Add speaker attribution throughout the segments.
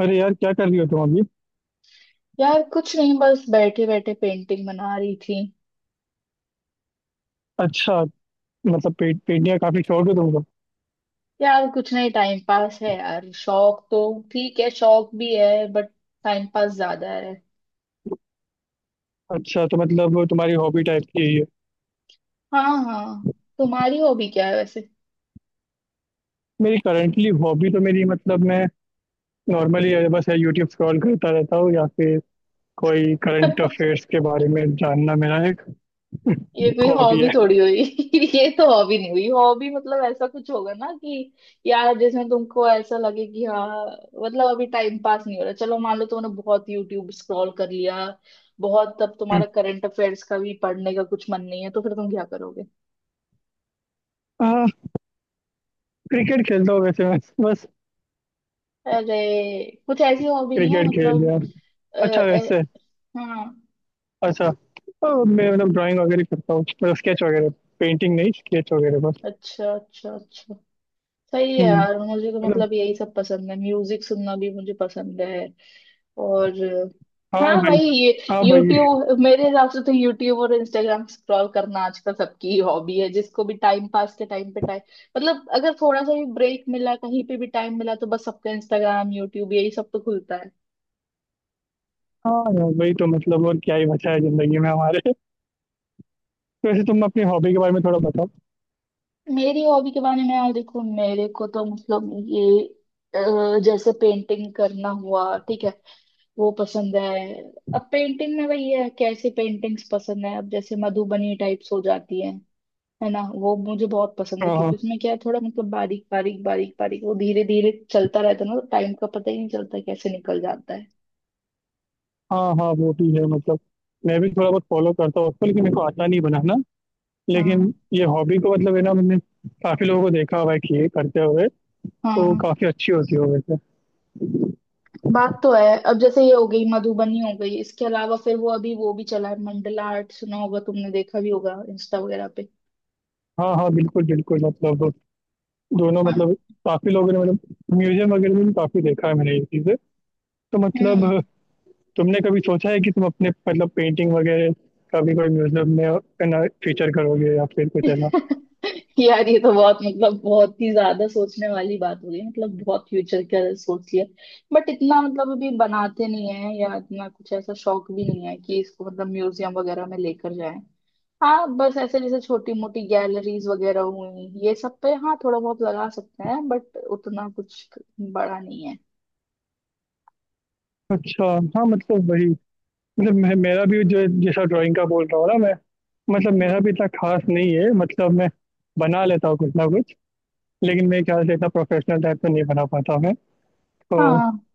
Speaker 1: अरे यार, क्या कर रही हो तुम अभी?
Speaker 2: यार कुछ नहीं, बस बैठे बैठे पेंटिंग बना रही थी।
Speaker 1: अच्छा। मतलब पेंटिंग का काफी शौक है तुमको।
Speaker 2: यार कुछ नहीं, टाइम पास है यार, शौक तो ठीक है, शौक भी है बट टाइम पास ज्यादा है।
Speaker 1: अच्छा तो मतलब वो तुम्हारी हॉबी टाइप की यही है।
Speaker 2: हाँ हाँ। तुम्हारी हॉबी क्या है वैसे?
Speaker 1: मेरी करंटली हॉबी तो मेरी, मतलब, मैं नॉर्मली बस यूट्यूब स्क्रॉल करता रहता हूँ, या फिर कोई करंट अफेयर्स के बारे में जानना मेरा एक
Speaker 2: ये कोई
Speaker 1: हॉबी
Speaker 2: हॉबी
Speaker 1: है।
Speaker 2: थोड़ी हुई। ये तो हॉबी नहीं हुई। हॉबी मतलब ऐसा कुछ होगा ना, कि यार जिसमें तुमको ऐसा लगे कि हाँ, मतलब अभी टाइम पास नहीं हो रहा। चलो मान लो तुमने बहुत यूट्यूब स्क्रॉल कर लिया, बहुत, तब तुम्हारा करंट अफेयर्स का भी पढ़ने का कुछ मन नहीं है, तो फिर तुम क्या करोगे?
Speaker 1: हाँ। क्रिकेट खेलता हूँ वैसे मैं, बस।
Speaker 2: अरे कुछ ऐसी हॉबी नहीं है
Speaker 1: क्रिकेट खेल
Speaker 2: मतलब।
Speaker 1: लिया।
Speaker 2: अ,
Speaker 1: अच्छा
Speaker 2: अ,
Speaker 1: वैसे।
Speaker 2: हाँ।
Speaker 1: अच्छा। तो मैं, मतलब, ड्राइंग वगैरह करता हूँ, मतलब स्केच वगैरह। पेंटिंग नहीं, स्केच वगैरह, बस।
Speaker 2: अच्छा अच्छा अच्छा। सही है
Speaker 1: हम्म,
Speaker 2: यार, मुझे तो
Speaker 1: मतलब।
Speaker 2: मतलब यही सब पसंद है, म्यूजिक सुनना भी मुझे पसंद है। और
Speaker 1: हाँ
Speaker 2: हाँ
Speaker 1: भाई।
Speaker 2: भाई, ये
Speaker 1: हाँ भाई।
Speaker 2: यूट्यूब, मेरे हिसाब से तो यूट्यूब और इंस्टाग्राम स्क्रॉल करना आजकल सबकी ही हॉबी है। जिसको भी टाइम पास के टाइम पे टाइम, मतलब अगर थोड़ा सा भी ब्रेक मिला, कहीं पे भी टाइम मिला, तो बस सबका इंस्टाग्राम यूट्यूब यही सब तो खुलता है।
Speaker 1: हाँ यार, वही तो, मतलब, और क्या ही बचा है जिंदगी में हमारे। वैसे तुम अपनी हॉबी के बारे में थोड़ा बताओ।
Speaker 2: मेरी हॉबी के बारे में, यार देखो मेरे को तो मतलब ये जैसे पेंटिंग करना हुआ, ठीक है, वो पसंद है। अब पेंटिंग में वही है, कैसी पेंटिंग्स पसंद है। अब जैसे मधुबनी टाइप्स हो जाती है ना, वो मुझे बहुत पसंद है,
Speaker 1: हाँ,
Speaker 2: क्योंकि
Speaker 1: हाँ।
Speaker 2: उसमें क्या है, थोड़ा मतलब बारीक बारीक बारीक बारीक वो धीरे धीरे चलता रहता है ना, तो टाइम का पता ही नहीं चलता कैसे निकल जाता है।
Speaker 1: हाँ, हाँ, वो भी है मतलब। मैं भी थोड़ा बहुत फॉलो करता हूँ उसको, लेकिन मेरे को आता नहीं बनाना।
Speaker 2: हाँ
Speaker 1: लेकिन ये हॉबी को, मतलब, है ना, मैंने काफी लोगों को देखा हुआ है कि ये करते हुए। तो
Speaker 2: हाँ।
Speaker 1: काफी अच्छी होती है वैसे।
Speaker 2: बात तो है। अब जैसे ये हो गई मधुबनी हो गई, इसके अलावा फिर वो अभी वो भी चला है मंडला आर्ट, सुना होगा तुमने, देखा भी होगा इंस्टा वगैरह पे।
Speaker 1: हाँ, हाँ, बिल्कुल बिल्कुल, मतलब। दोनों,
Speaker 2: हाँ,
Speaker 1: मतलब। काफी लोगों ने, मतलब, म्यूजियम वगैरह में भी काफी देखा है मैंने ये चीजें। तो
Speaker 2: हम्म।
Speaker 1: मतलब। तुमने कभी सोचा है कि तुम अपने, मतलब, पेंटिंग वगैरह कभी कोई म्यूजियम में, है ना, फीचर करोगे, या फिर कुछ, है ना?
Speaker 2: यार ये तो बहुत, मतलब बहुत ही ज्यादा सोचने वाली बात हो गई, मतलब बहुत फ्यूचर का सोच लिया। बट इतना मतलब अभी बनाते नहीं है, या इतना कुछ ऐसा शौक भी नहीं है कि इसको मतलब म्यूजियम वगैरह में लेकर जाए। हाँ बस ऐसे जैसे छोटी मोटी गैलरीज वगैरह हुई, ये सब पे हाँ थोड़ा बहुत लगा सकते हैं, बट उतना कुछ बड़ा नहीं है।
Speaker 1: अच्छा। हाँ मतलब वही। मतलब मैं मेरा भी जो जैसा ड्राइंग का बोल रहा हूँ ना मैं। मतलब मेरा भी इतना खास नहीं है, मतलब मैं। बना लेता हूँ कुछ ना कुछ। लेकिन मेरे ख्याल से इतना प्रोफेशनल टाइप में नहीं बना पाता मैं। तो।
Speaker 2: हाँ,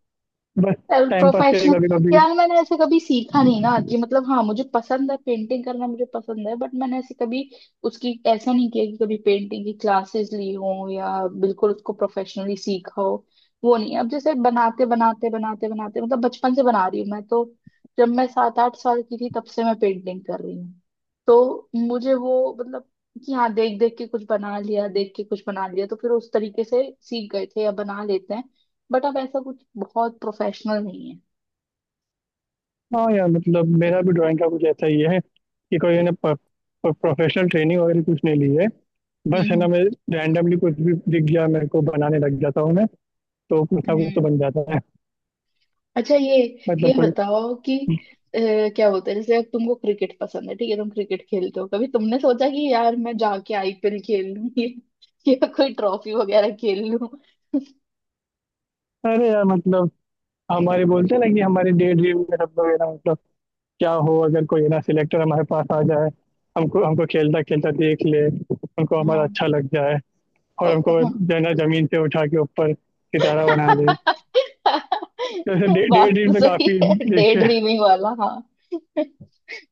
Speaker 1: बस।
Speaker 2: सेल्फ
Speaker 1: टाइम पास के लिए
Speaker 2: प्रोफेशनल।
Speaker 1: कभी कभी।
Speaker 2: यार मैंने ऐसे कभी सीखा नहीं ना, कि मतलब हाँ मुझे पसंद है, पेंटिंग करना मुझे पसंद है, बट मैंने ऐसे कभी उसकी ऐसा नहीं किया कि कभी पेंटिंग की क्लासेस ली हो, या बिल्कुल उसको प्रोफेशनली सीखा हो। वो नहीं। अब जैसे बनाते बनाते बनाते बनाते, मतलब बचपन से बना रही हूँ मैं तो। जब मैं सात आठ साल की थी तब से मैं पेंटिंग कर रही हूँ। तो मुझे वो मतलब, कि हाँ देख देख के कुछ बना लिया, देख के कुछ बना लिया, तो फिर उस तरीके से सीख गए थे, या बना लेते हैं। बट अब ऐसा कुछ बहुत प्रोफेशनल नहीं है।
Speaker 1: हाँ यार, मतलब मेरा भी ड्राइंग का कुछ ऐसा ही है कि कोई ने प्रोफेशनल ट्रेनिंग वगैरह कुछ नहीं ली है। बस है ना
Speaker 2: हम्म,
Speaker 1: मैं। रैंडमली कुछ भी दिख गया मेरे को, बनाने लग जाता हूँ मैं। तो कुछ ना
Speaker 2: हम्म,
Speaker 1: कुछ तो
Speaker 2: हम्म।
Speaker 1: बन जाता है।
Speaker 2: अच्छा, ये ये
Speaker 1: मतलब कोई।
Speaker 2: बताओ कि अ, क्या बोलते हैं, जैसे अब तुमको क्रिकेट पसंद है, ठीक है, तुम क्रिकेट खेलते हो, कभी तुमने सोचा कि यार मैं जाके आईपीएल खेल लूं या कोई ट्रॉफी वगैरह खेल लूं?
Speaker 1: अरे यार मतलब। हमारे बोलते हैं ना कि हमारे डे ड्रीम में हम लोग, है ना मतलब। क्या हो अगर कोई है ना सिलेक्टर हमारे पास आ जाए। हमको हमको खेलता खेलता देख ले, हमको हमारा अच्छा लग जाए। और हमको
Speaker 2: हाँ।
Speaker 1: जो है ना जमीन से उठा के ऊपर सितारा बना दे। तो ऐसे डे
Speaker 2: बात
Speaker 1: डे
Speaker 2: तो
Speaker 1: ड्रीम में
Speaker 2: सही
Speaker 1: काफी।
Speaker 2: है, डे
Speaker 1: देखे।
Speaker 2: ड्रीमिंग वाला, हाँ।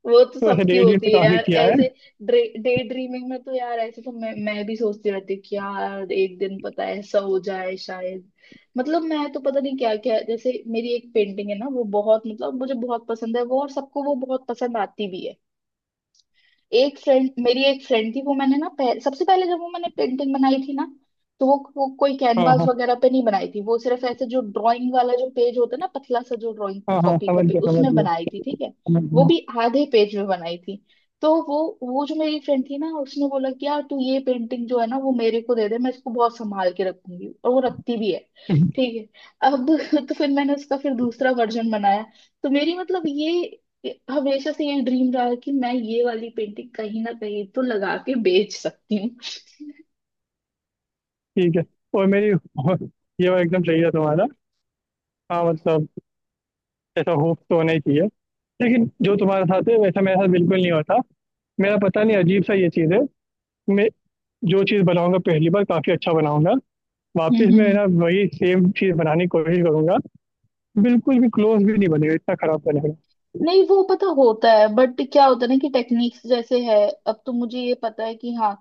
Speaker 2: वो तो
Speaker 1: तो ऐसे
Speaker 2: सबकी
Speaker 1: डे ड्रीम पे
Speaker 2: होती है
Speaker 1: काफी
Speaker 2: यार
Speaker 1: किया है।
Speaker 2: ऐसे। डे ड्रीमिंग में तो यार, ऐसे तो मैं भी सोचती रहती हूँ कि यार एक दिन पता है ऐसा हो जाए शायद। मतलब मैं तो पता नहीं क्या क्या, जैसे मेरी एक पेंटिंग है ना, वो बहुत, मतलब मुझे बहुत पसंद है वो, और सबको वो बहुत पसंद आती भी है। एक फ्रेंड, मेरी एक फ्रेंड थी, वो मैंने ना सबसे पहले जब वो मैंने पेंटिंग बनाई थी ना, तो वो कोई
Speaker 1: हाँ,
Speaker 2: कैनवास
Speaker 1: हाँ,
Speaker 2: वगैरह पे नहीं बनाई थी। वो सिर्फ ऐसे जो ड्राइंग वाला जो पेज होता है ना, पतला सा, जो ड्राइंग
Speaker 1: हाँ, हाँ,
Speaker 2: कॉपी का
Speaker 1: समझ
Speaker 2: पेज,
Speaker 1: गया, समझ
Speaker 2: उसमें
Speaker 1: गया,
Speaker 2: बनाई थी, ठीक है।
Speaker 1: समझ
Speaker 2: वो
Speaker 1: गया।
Speaker 2: भी आधे पेज में बनाई थी। तो वो जो मेरी फ्रेंड थी ना, उसने बोला कि यार तू ये पेंटिंग जो है ना, वो मेरे को दे दे, मैं इसको बहुत संभाल के रखूंगी, और वो रखती भी है। ठीक है अब। तो फिर मैंने उसका फिर दूसरा वर्जन बनाया। तो मेरी मतलब ये, हमेशा से ये ड्रीम रहा है कि मैं ये वाली पेंटिंग कहीं ना कहीं तो लगा के बेच सकती
Speaker 1: ठीक है। और मेरी ये वाला एकदम सही है तुम्हारा। हाँ मतलब। ऐसा होप तो होना ही चाहिए। लेकिन जो तुम्हारे साथ है वैसा मेरे साथ बिल्कुल नहीं होता। मेरा पता नहीं, अजीब सा ये चीज़ है। मैं। जो चीज़ बनाऊँगा पहली बार काफ़ी अच्छा बनाऊँगा, वापस मैं
Speaker 2: हूँ।
Speaker 1: ना वही सेम चीज़ बनाने की कोशिश करूँगा, बिल्कुल भी क्लोज़ भी नहीं बनेगा, इतना खराब बनेगा।
Speaker 2: नहीं वो पता होता है, बट क्या होता है ना कि टेक्निक्स जैसे है। अब तो मुझे ये पता है कि हाँ,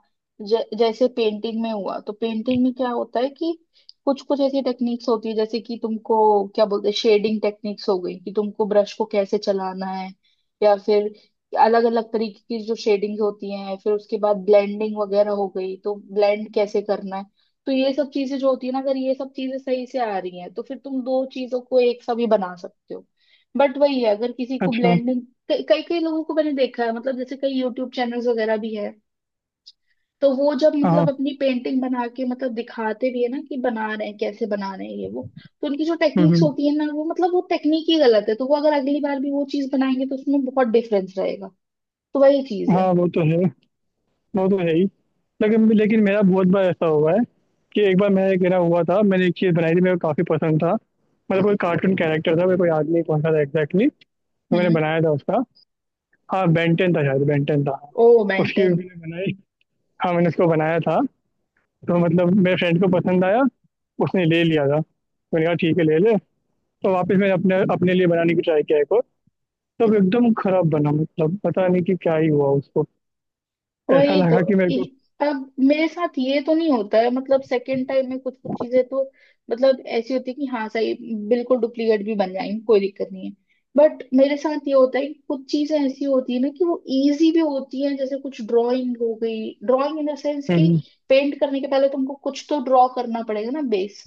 Speaker 2: जैसे पेंटिंग में हुआ, तो पेंटिंग में क्या होता है कि कुछ कुछ ऐसी टेक्निक्स होती है, जैसे कि तुमको क्या बोलते हैं, शेडिंग टेक्निक्स हो गई कि तुमको ब्रश को कैसे चलाना है, या फिर अलग अलग तरीके की जो शेडिंग होती हैं, फिर उसके बाद ब्लेंडिंग वगैरह हो गई तो ब्लेंड कैसे करना है। तो ये सब चीजें जो होती है ना, अगर ये सब चीजें सही से आ रही हैं तो फिर तुम दो चीजों को एक साथ भी बना सकते हो। बट वही है, अगर किसी को
Speaker 1: अच्छा, हाँ,
Speaker 2: ब्लेंडिंग, कई कई लोगों को मैंने देखा है, मतलब जैसे कई यूट्यूब चैनल्स वगैरह भी है। तो वो जब
Speaker 1: हाँ।
Speaker 2: मतलब अपनी पेंटिंग बना के मतलब दिखाते भी है ना, कि बना रहे हैं, कैसे बना रहे हैं ये वो, तो उनकी जो
Speaker 1: हुँ,
Speaker 2: टेक्निक्स
Speaker 1: हुँ।
Speaker 2: होती है ना, वो मतलब वो टेक्निक ही गलत है, तो वो अगर अगली बार भी वो चीज बनाएंगे तो उसमें बहुत डिफरेंस रहेगा। तो वही चीज है।
Speaker 1: हाँ, वो तो है ही। लेकिन लेकिन मेरा बहुत बार ऐसा हुआ है। कि एक बार मैं मेरा हुआ था, मैंने एक चीज़ बनाई थी, मेरे को काफ़ी पसंद था। मतलब कोई कार्टून कैरेक्टर था, मेरे को याद नहीं कौन-सा था एग्ज़ैक्टली, तो मैंने
Speaker 2: हम्म।
Speaker 1: बनाया था उसका। हाँ, बेन 10 था शायद, बेन 10 था।
Speaker 2: ओ
Speaker 1: उसकी भी
Speaker 2: बेंटन।
Speaker 1: मैंने बनाई। हाँ, मैंने उसको बनाया था। तो मतलब मेरे फ्रेंड को पसंद आया। उसने ले लिया था। मैंने कहा ठीक है, ले ले। तो वापस मैंने अपने अपने लिए बनाने की ट्राई किया, एक और। तब एकदम खराब बना, मतलब पता नहीं कि क्या ही हुआ उसको। ऐसा
Speaker 2: वही तो।
Speaker 1: लगा कि मेरे
Speaker 2: इ-
Speaker 1: को।
Speaker 2: अब मेरे साथ ये तो नहीं होता है, मतलब सेकंड टाइम में कुछ कुछ चीजें तो, मतलब ऐसी होती है कि हाँ सही, बिल्कुल डुप्लीकेट भी बन जाएंगी, कोई दिक्कत नहीं है। बट मेरे साथ ये होता है कि कुछ चीजें ऐसी होती है ना, कि वो इजी भी होती हैं, जैसे कुछ ड्राइंग हो गई, ड्राइंग इन द सेंस कि
Speaker 1: हम्म,
Speaker 2: पेंट करने के पहले तुमको कुछ तो ड्रॉ करना पड़ेगा ना, बेस।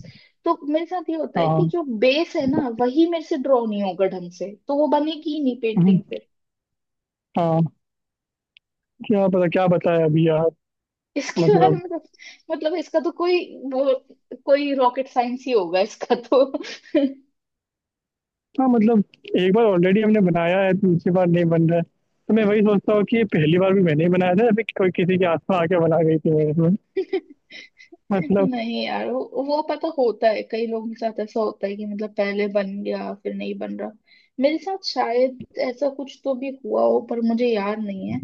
Speaker 2: तो मेरे साथ ये होता है कि
Speaker 1: हाँ।
Speaker 2: जो बेस है ना, वही मेरे से ड्रॉ नहीं होगा ढंग से, तो वो बनेगी ही नहीं
Speaker 1: हम्म,
Speaker 2: पेंटिंग।
Speaker 1: हाँ। क्या पता क्या बताया अभी यार।
Speaker 2: इसके बारे
Speaker 1: मतलब।
Speaker 2: में तो, मतलब इसका तो कोई वो, कोई रॉकेट साइंस ही होगा इसका तो।
Speaker 1: हाँ मतलब। एक बार ऑलरेडी हमने बनाया है, दूसरी बार नहीं बन रहा है। तो मैं वही सोचता हूँ कि ये पहली बार भी मैंने ही बनाया था या फिर कोई किसी के आसपास आके बना गई थी मेरे में। मतलब।
Speaker 2: नहीं यार, वो पता होता है, कई लोगों के साथ ऐसा होता है कि, मतलब पहले बन गया, फिर नहीं बन रहा। मेरे साथ शायद ऐसा कुछ तो भी हुआ हो पर मुझे याद नहीं है।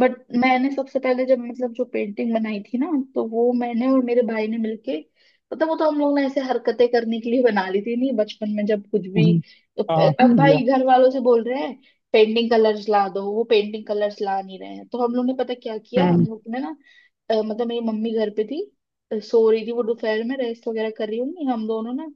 Speaker 2: बट मैंने सबसे पहले जब, मतलब जो पेंटिंग बनाई थी ना, तो वो मैंने और मेरे भाई ने मिलके, मतलब वो तो हम लोग ने ऐसे हरकतें करने के लिए बना ली थी नहीं, बचपन में जब कुछ भी,
Speaker 1: हम्म,
Speaker 2: तो
Speaker 1: हाँ
Speaker 2: अब
Speaker 1: समझ गया।
Speaker 2: भाई घर वालों से बोल रहे हैं पेंटिंग कलर्स ला दो, वो पेंटिंग कलर्स ला नहीं रहे हैं, तो हम लोग ने पता क्या किया, हम
Speaker 1: हम्म,
Speaker 2: लोग ने ना मतलब मेरी मम्मी घर पे थी, सो रही थी, वो दोपहर में रेस्ट वगैरह कर रही होंगी, हम दोनों ना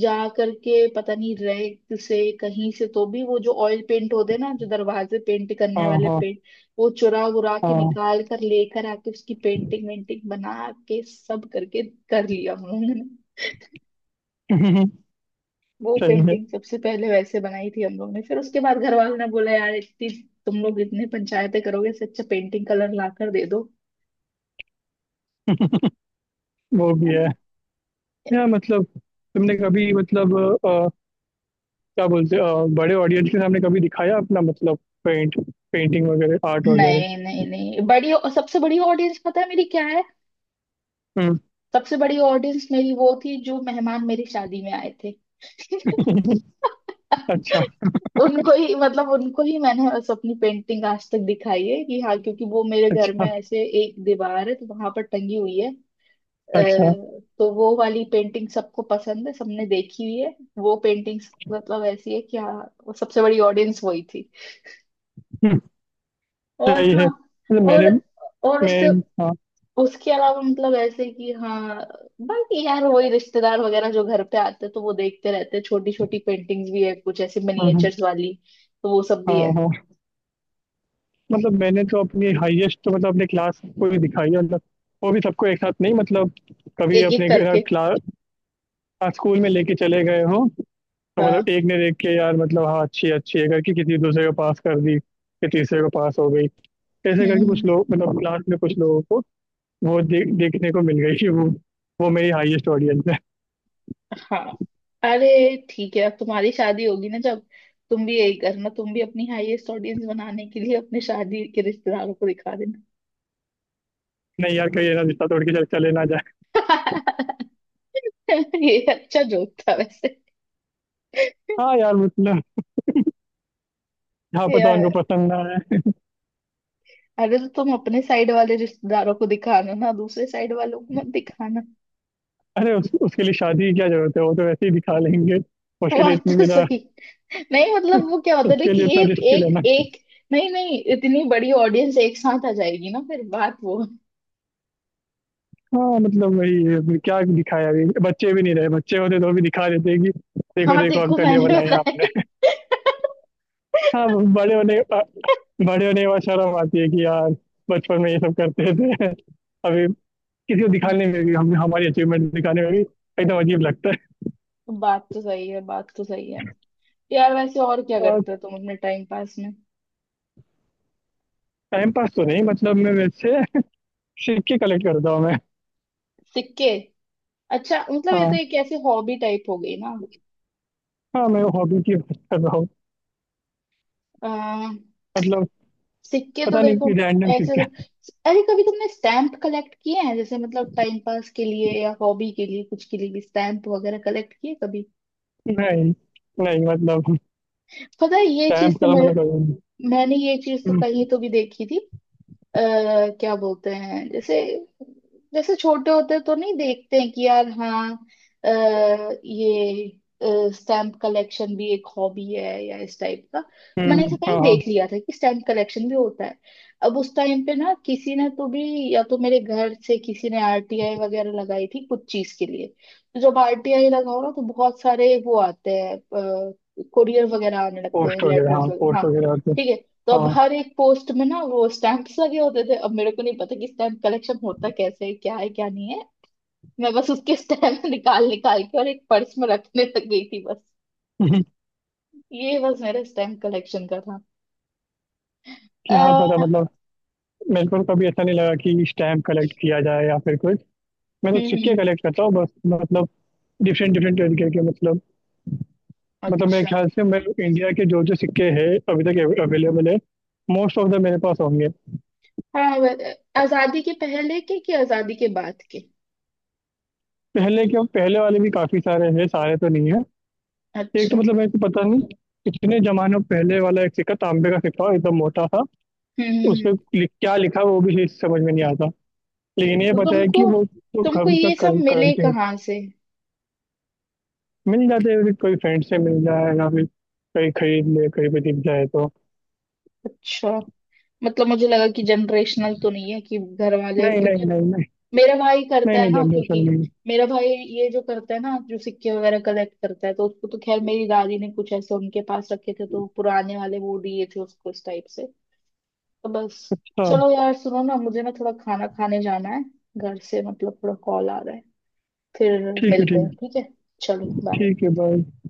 Speaker 2: जा करके पता नहीं रैक से कहीं से तो भी वो जो ऑयल पेंट होते हैं ना, जो दरवाजे पेंट करने
Speaker 1: हाँ,
Speaker 2: वाले
Speaker 1: हाँ,
Speaker 2: पेंट, वो चुरा वुरा के
Speaker 1: हाँ।
Speaker 2: निकाल कर लेकर आके उसकी पेंटिंग वेंटिंग बना के सब करके कर लिया हम लोगों ने।
Speaker 1: सही
Speaker 2: वो
Speaker 1: है।
Speaker 2: पेंटिंग सबसे पहले वैसे बनाई थी हम लोग ने, फिर उसके बाद घर वालों ने बोला, यार इतनी, तुम लोग इतने पंचायतें करोगे इससे अच्छा पेंटिंग कलर ला कर दे दो।
Speaker 1: वो भी है। या मतलब। तुमने कभी मतलब। अ, क्या बोलते हैं, बड़े ऑडियंस के सामने कभी दिखाया अपना मतलब। पेंट पेंटिंग वगैरह, आर्ट वगैरह।
Speaker 2: नहीं नहीं नहीं, बड़ी, सबसे बड़ी ऑडियंस पता है मेरी क्या है?
Speaker 1: हम्म।
Speaker 2: सबसे बड़ी ऑडियंस मेरी वो थी जो मेहमान मेरी शादी में आए थे।
Speaker 1: अच्छा,
Speaker 2: उनको ही मतलब उनको ही मैंने बस अपनी पेंटिंग आज तक दिखाई है, कि हाँ क्योंकि वो मेरे घर
Speaker 1: अच्छा,
Speaker 2: में ऐसे एक दीवार है तो वहां पर टंगी हुई है।
Speaker 1: अच्छा।
Speaker 2: तो वो वाली पेंटिंग सबको पसंद है, सबने देखी हुई है, वो पेंटिंग। मतलब ऐसी है कि हाँ, वो सबसे बड़ी ऑडियंस वही थी।
Speaker 1: हम्म,
Speaker 2: और
Speaker 1: सही है
Speaker 2: हाँ,
Speaker 1: मतलब
Speaker 2: और
Speaker 1: मैंने।
Speaker 2: और उससे,
Speaker 1: मैं। हाँ।
Speaker 2: उसके अलावा मतलब ऐसे कि हाँ, बाकी यार वही रिश्तेदार वगैरह जो घर पे आते हैं, तो वो देखते रहते हैं। छोटी छोटी पेंटिंग्स भी है कुछ ऐसे
Speaker 1: हाँ, हाँ,
Speaker 2: मिनिएचर्स वाली, तो वो सब
Speaker 1: हाँ,
Speaker 2: भी है।
Speaker 1: हाँ। मतलब मैंने तो अपनी हाईएस्ट तो, मतलब, अपने क्लास को ही दिखाई है, मतलब। वो भी सबको एक साथ नहीं, मतलब। कभी
Speaker 2: एक एक
Speaker 1: अपने।
Speaker 2: करके।
Speaker 1: क्लास स्कूल में लेके चले गए हो। तो मतलब
Speaker 2: हाँ।
Speaker 1: एक ने देख के, यार मतलब, हाँ अच्छी है करके किसी दूसरे को पास कर दी, कि तीसरे को पास हो गई। ऐसे
Speaker 2: हम्म,
Speaker 1: करके कुछ लोग, मतलब क्लास में कुछ लोगों को। वो देखने को मिल गई कि वो। वो मेरी हाईएस्ट ऑडियंस है।
Speaker 2: हाँ। अरे ठीक है, अब तुम्हारी शादी होगी ना जब, तुम भी यही करना, तुम भी अपनी हाईएस्ट ऑडियंस बनाने के लिए अपने शादी के रिश्तेदारों को दिखा देना।
Speaker 1: नहीं यार, कहीं ये ना रिश्ता तोड़ के चल चले ना जाए।
Speaker 2: ये अच्छा जोक था वैसे।
Speaker 1: हाँ यार मतलब। जहाँ पता उनको
Speaker 2: यार,
Speaker 1: पसंद ना आए।
Speaker 2: अरे तो तुम अपने साइड वाले रिश्तेदारों को दिखाना ना, दूसरे साइड वालों को मत दिखाना।
Speaker 1: अरे उसके लिए शादी की क्या जरूरत है, वो तो वैसे ही दिखा लेंगे। उसके लिए
Speaker 2: बात
Speaker 1: इतनी
Speaker 2: तो
Speaker 1: बिना।
Speaker 2: सही। नहीं, मतलब वो क्या होता है ना
Speaker 1: उसके
Speaker 2: कि
Speaker 1: लिए इतना
Speaker 2: एक
Speaker 1: रिस्क क्यों
Speaker 2: एक
Speaker 1: लेना?
Speaker 2: एक, नहीं नहीं, इतनी बड़ी ऑडियंस एक साथ आ जाएगी ना, फिर बात वो।
Speaker 1: हाँ मतलब वही है, अभी क्या दिखाया, अभी बच्चे भी नहीं रहे, बच्चे होते तो भी दिखा देते कि। देखो
Speaker 2: हाँ
Speaker 1: देखो
Speaker 2: देखो,
Speaker 1: अंकल, ये
Speaker 2: मैंने
Speaker 1: बनाया
Speaker 2: बताई।
Speaker 1: आपने। हाँ, वो बड़े होने के बाद शर्म आती है कि यार। बचपन में ये सब करते थे। अभी। किसी को दिखाने में भी हम हमारी अचीवमेंट दिखाने में भी एकदम अजीब लगता।
Speaker 2: बात तो सही है, बात तो सही है। यार वैसे और क्या
Speaker 1: है।
Speaker 2: करते हो तुम अपने टाइम पास में?
Speaker 1: टाइम पास तो नहीं, मतलब मैं वैसे। सिक्के कलेक्ट करता हूँ मैं।
Speaker 2: सिक्के? अच्छा, मतलब ये तो
Speaker 1: हाँ,
Speaker 2: एक ऐसी हॉबी टाइप हो गई।
Speaker 1: हाँ, मैं हॉबी की बात कर रहा हूँ
Speaker 2: ना,
Speaker 1: मतलब।
Speaker 2: सिक्के तो
Speaker 1: पता
Speaker 2: देखो
Speaker 1: नहीं, रैंडम
Speaker 2: ऐसे तो,
Speaker 1: सिक्के
Speaker 2: अरे कभी तुमने स्टैम्प कलेक्ट किए हैं, जैसे मतलब टाइम पास के लिए या हॉबी के लिए, कुछ के लिए भी स्टैम्प वगैरह कलेक्ट किए कभी?
Speaker 1: नहीं। नहीं मतलब।
Speaker 2: पता है ये चीज
Speaker 1: स्टैम्प
Speaker 2: तो
Speaker 1: कलम
Speaker 2: मैं,
Speaker 1: मतलब करूँगी।
Speaker 2: मैंने ये चीज तो
Speaker 1: हम्म,
Speaker 2: कहीं तो भी देखी थी। अ, क्या बोलते हैं जैसे, जैसे छोटे होते तो नहीं देखते हैं कि यार हाँ, अ, ये स्टैम्प कलेक्शन भी एक हॉबी है या इस टाइप का। मैंने ऐसे
Speaker 1: हाँ,
Speaker 2: कहीं
Speaker 1: हाँ।
Speaker 2: देख लिया था कि स्टैम्प कलेक्शन भी होता है। अब उस टाइम पे ना किसी ने तो भी, या तो मेरे घर से किसी ने आरटीआई वगैरह लगाई थी कुछ चीज के लिए। तो जब आरटीआई लगाओ ना, तो बहुत सारे वो आते हैं, कोरियर वगैरह आने लगते हैं,
Speaker 1: पोस्ट वगैरह,
Speaker 2: लेटर्स
Speaker 1: हाँ,
Speaker 2: वगैरह,
Speaker 1: पोस्ट
Speaker 2: हाँ,
Speaker 1: वगैरह होते।
Speaker 2: ठीक है। तो अब
Speaker 1: हाँ
Speaker 2: हर एक पोस्ट में ना, वो स्टैंप्स लगे होते थे। अब मेरे को नहीं पता कि स्टैम्प कलेक्शन होता कैसे है, क्या है क्या नहीं है। मैं बस उसके स्टैम्प निकाल निकाल के और एक पर्स में रखने लग गई थी बस। ये बस मेरा स्टैम्प कलेक्शन का था।
Speaker 1: क्या
Speaker 2: अ,
Speaker 1: पता मतलब। मेरे को कभी ऐसा नहीं लगा कि स्टैम्प कलेक्ट किया जाए, या फिर कुछ। मैं तो सिक्के
Speaker 2: हम्म।
Speaker 1: कलेक्ट करता हूँ बस, मतलब। डिफरेंट डिफरेंट तरीके के मतलब। मतलब मेरे
Speaker 2: अच्छा।
Speaker 1: ख्याल से मैं इंडिया के जो जो सिक्के हैं, अभी तक अवेलेबल है, मोस्ट ऑफ द मेरे पास होंगे।
Speaker 2: हाँ, आजादी के पहले के कि आजादी के बाद के?
Speaker 1: पहले के, पहले वाले भी काफी सारे हैं, सारे तो नहीं है। एक
Speaker 2: अच्छा।
Speaker 1: तो,
Speaker 2: हम्म,
Speaker 1: मतलब मेरे को पता नहीं, कितने जमानों पहले वाला एक सिक्का, तांबे का सिक्का, एकदम मोटा था।
Speaker 2: हम्म,
Speaker 1: उसमें
Speaker 2: हम्म।
Speaker 1: क्या लिखा वो भी चीज़ समझ में नहीं आता। लेकिन ये
Speaker 2: तो
Speaker 1: पता है
Speaker 2: तुमको
Speaker 1: कि वो तो
Speaker 2: तुमको
Speaker 1: कभी तक
Speaker 2: ये सब मिले
Speaker 1: करते हैं।
Speaker 2: कहाँ से?
Speaker 1: मिल जाते हैं, कोई फ्रेंड से मिल जाए या फिर, कहीं खरीद ले, कहीं पे दिख जाए तो।
Speaker 2: अच्छा, मतलब मुझे लगा कि जनरेशनल तो नहीं है कि घर वाले,
Speaker 1: नहीं, नहीं,
Speaker 2: क्योंकि
Speaker 1: नहीं, नहीं।
Speaker 2: मेरा भाई
Speaker 1: नहीं,
Speaker 2: करता है
Speaker 1: नहीं,
Speaker 2: ना,
Speaker 1: जनरेशन
Speaker 2: क्योंकि
Speaker 1: नहीं।
Speaker 2: मेरा भाई ये जो करता है ना, जो सिक्के वगैरह कलेक्ट करता है, तो उसको तो खैर मेरी दादी ने कुछ ऐसे उनके पास रखे थे तो पुराने वाले वो दिए थे उसको, इस टाइप से, तो बस।
Speaker 1: हाँ।
Speaker 2: चलो यार सुनो ना, मुझे ना थोड़ा खाना खाने जाना है, घर से मतलब थोड़ा कॉल आ रहा है, फिर
Speaker 1: ठीक है,
Speaker 2: मिलते
Speaker 1: ठीक
Speaker 2: हैं,
Speaker 1: है।
Speaker 2: ठीक है। चलो बाय।
Speaker 1: ठीक है, बाय।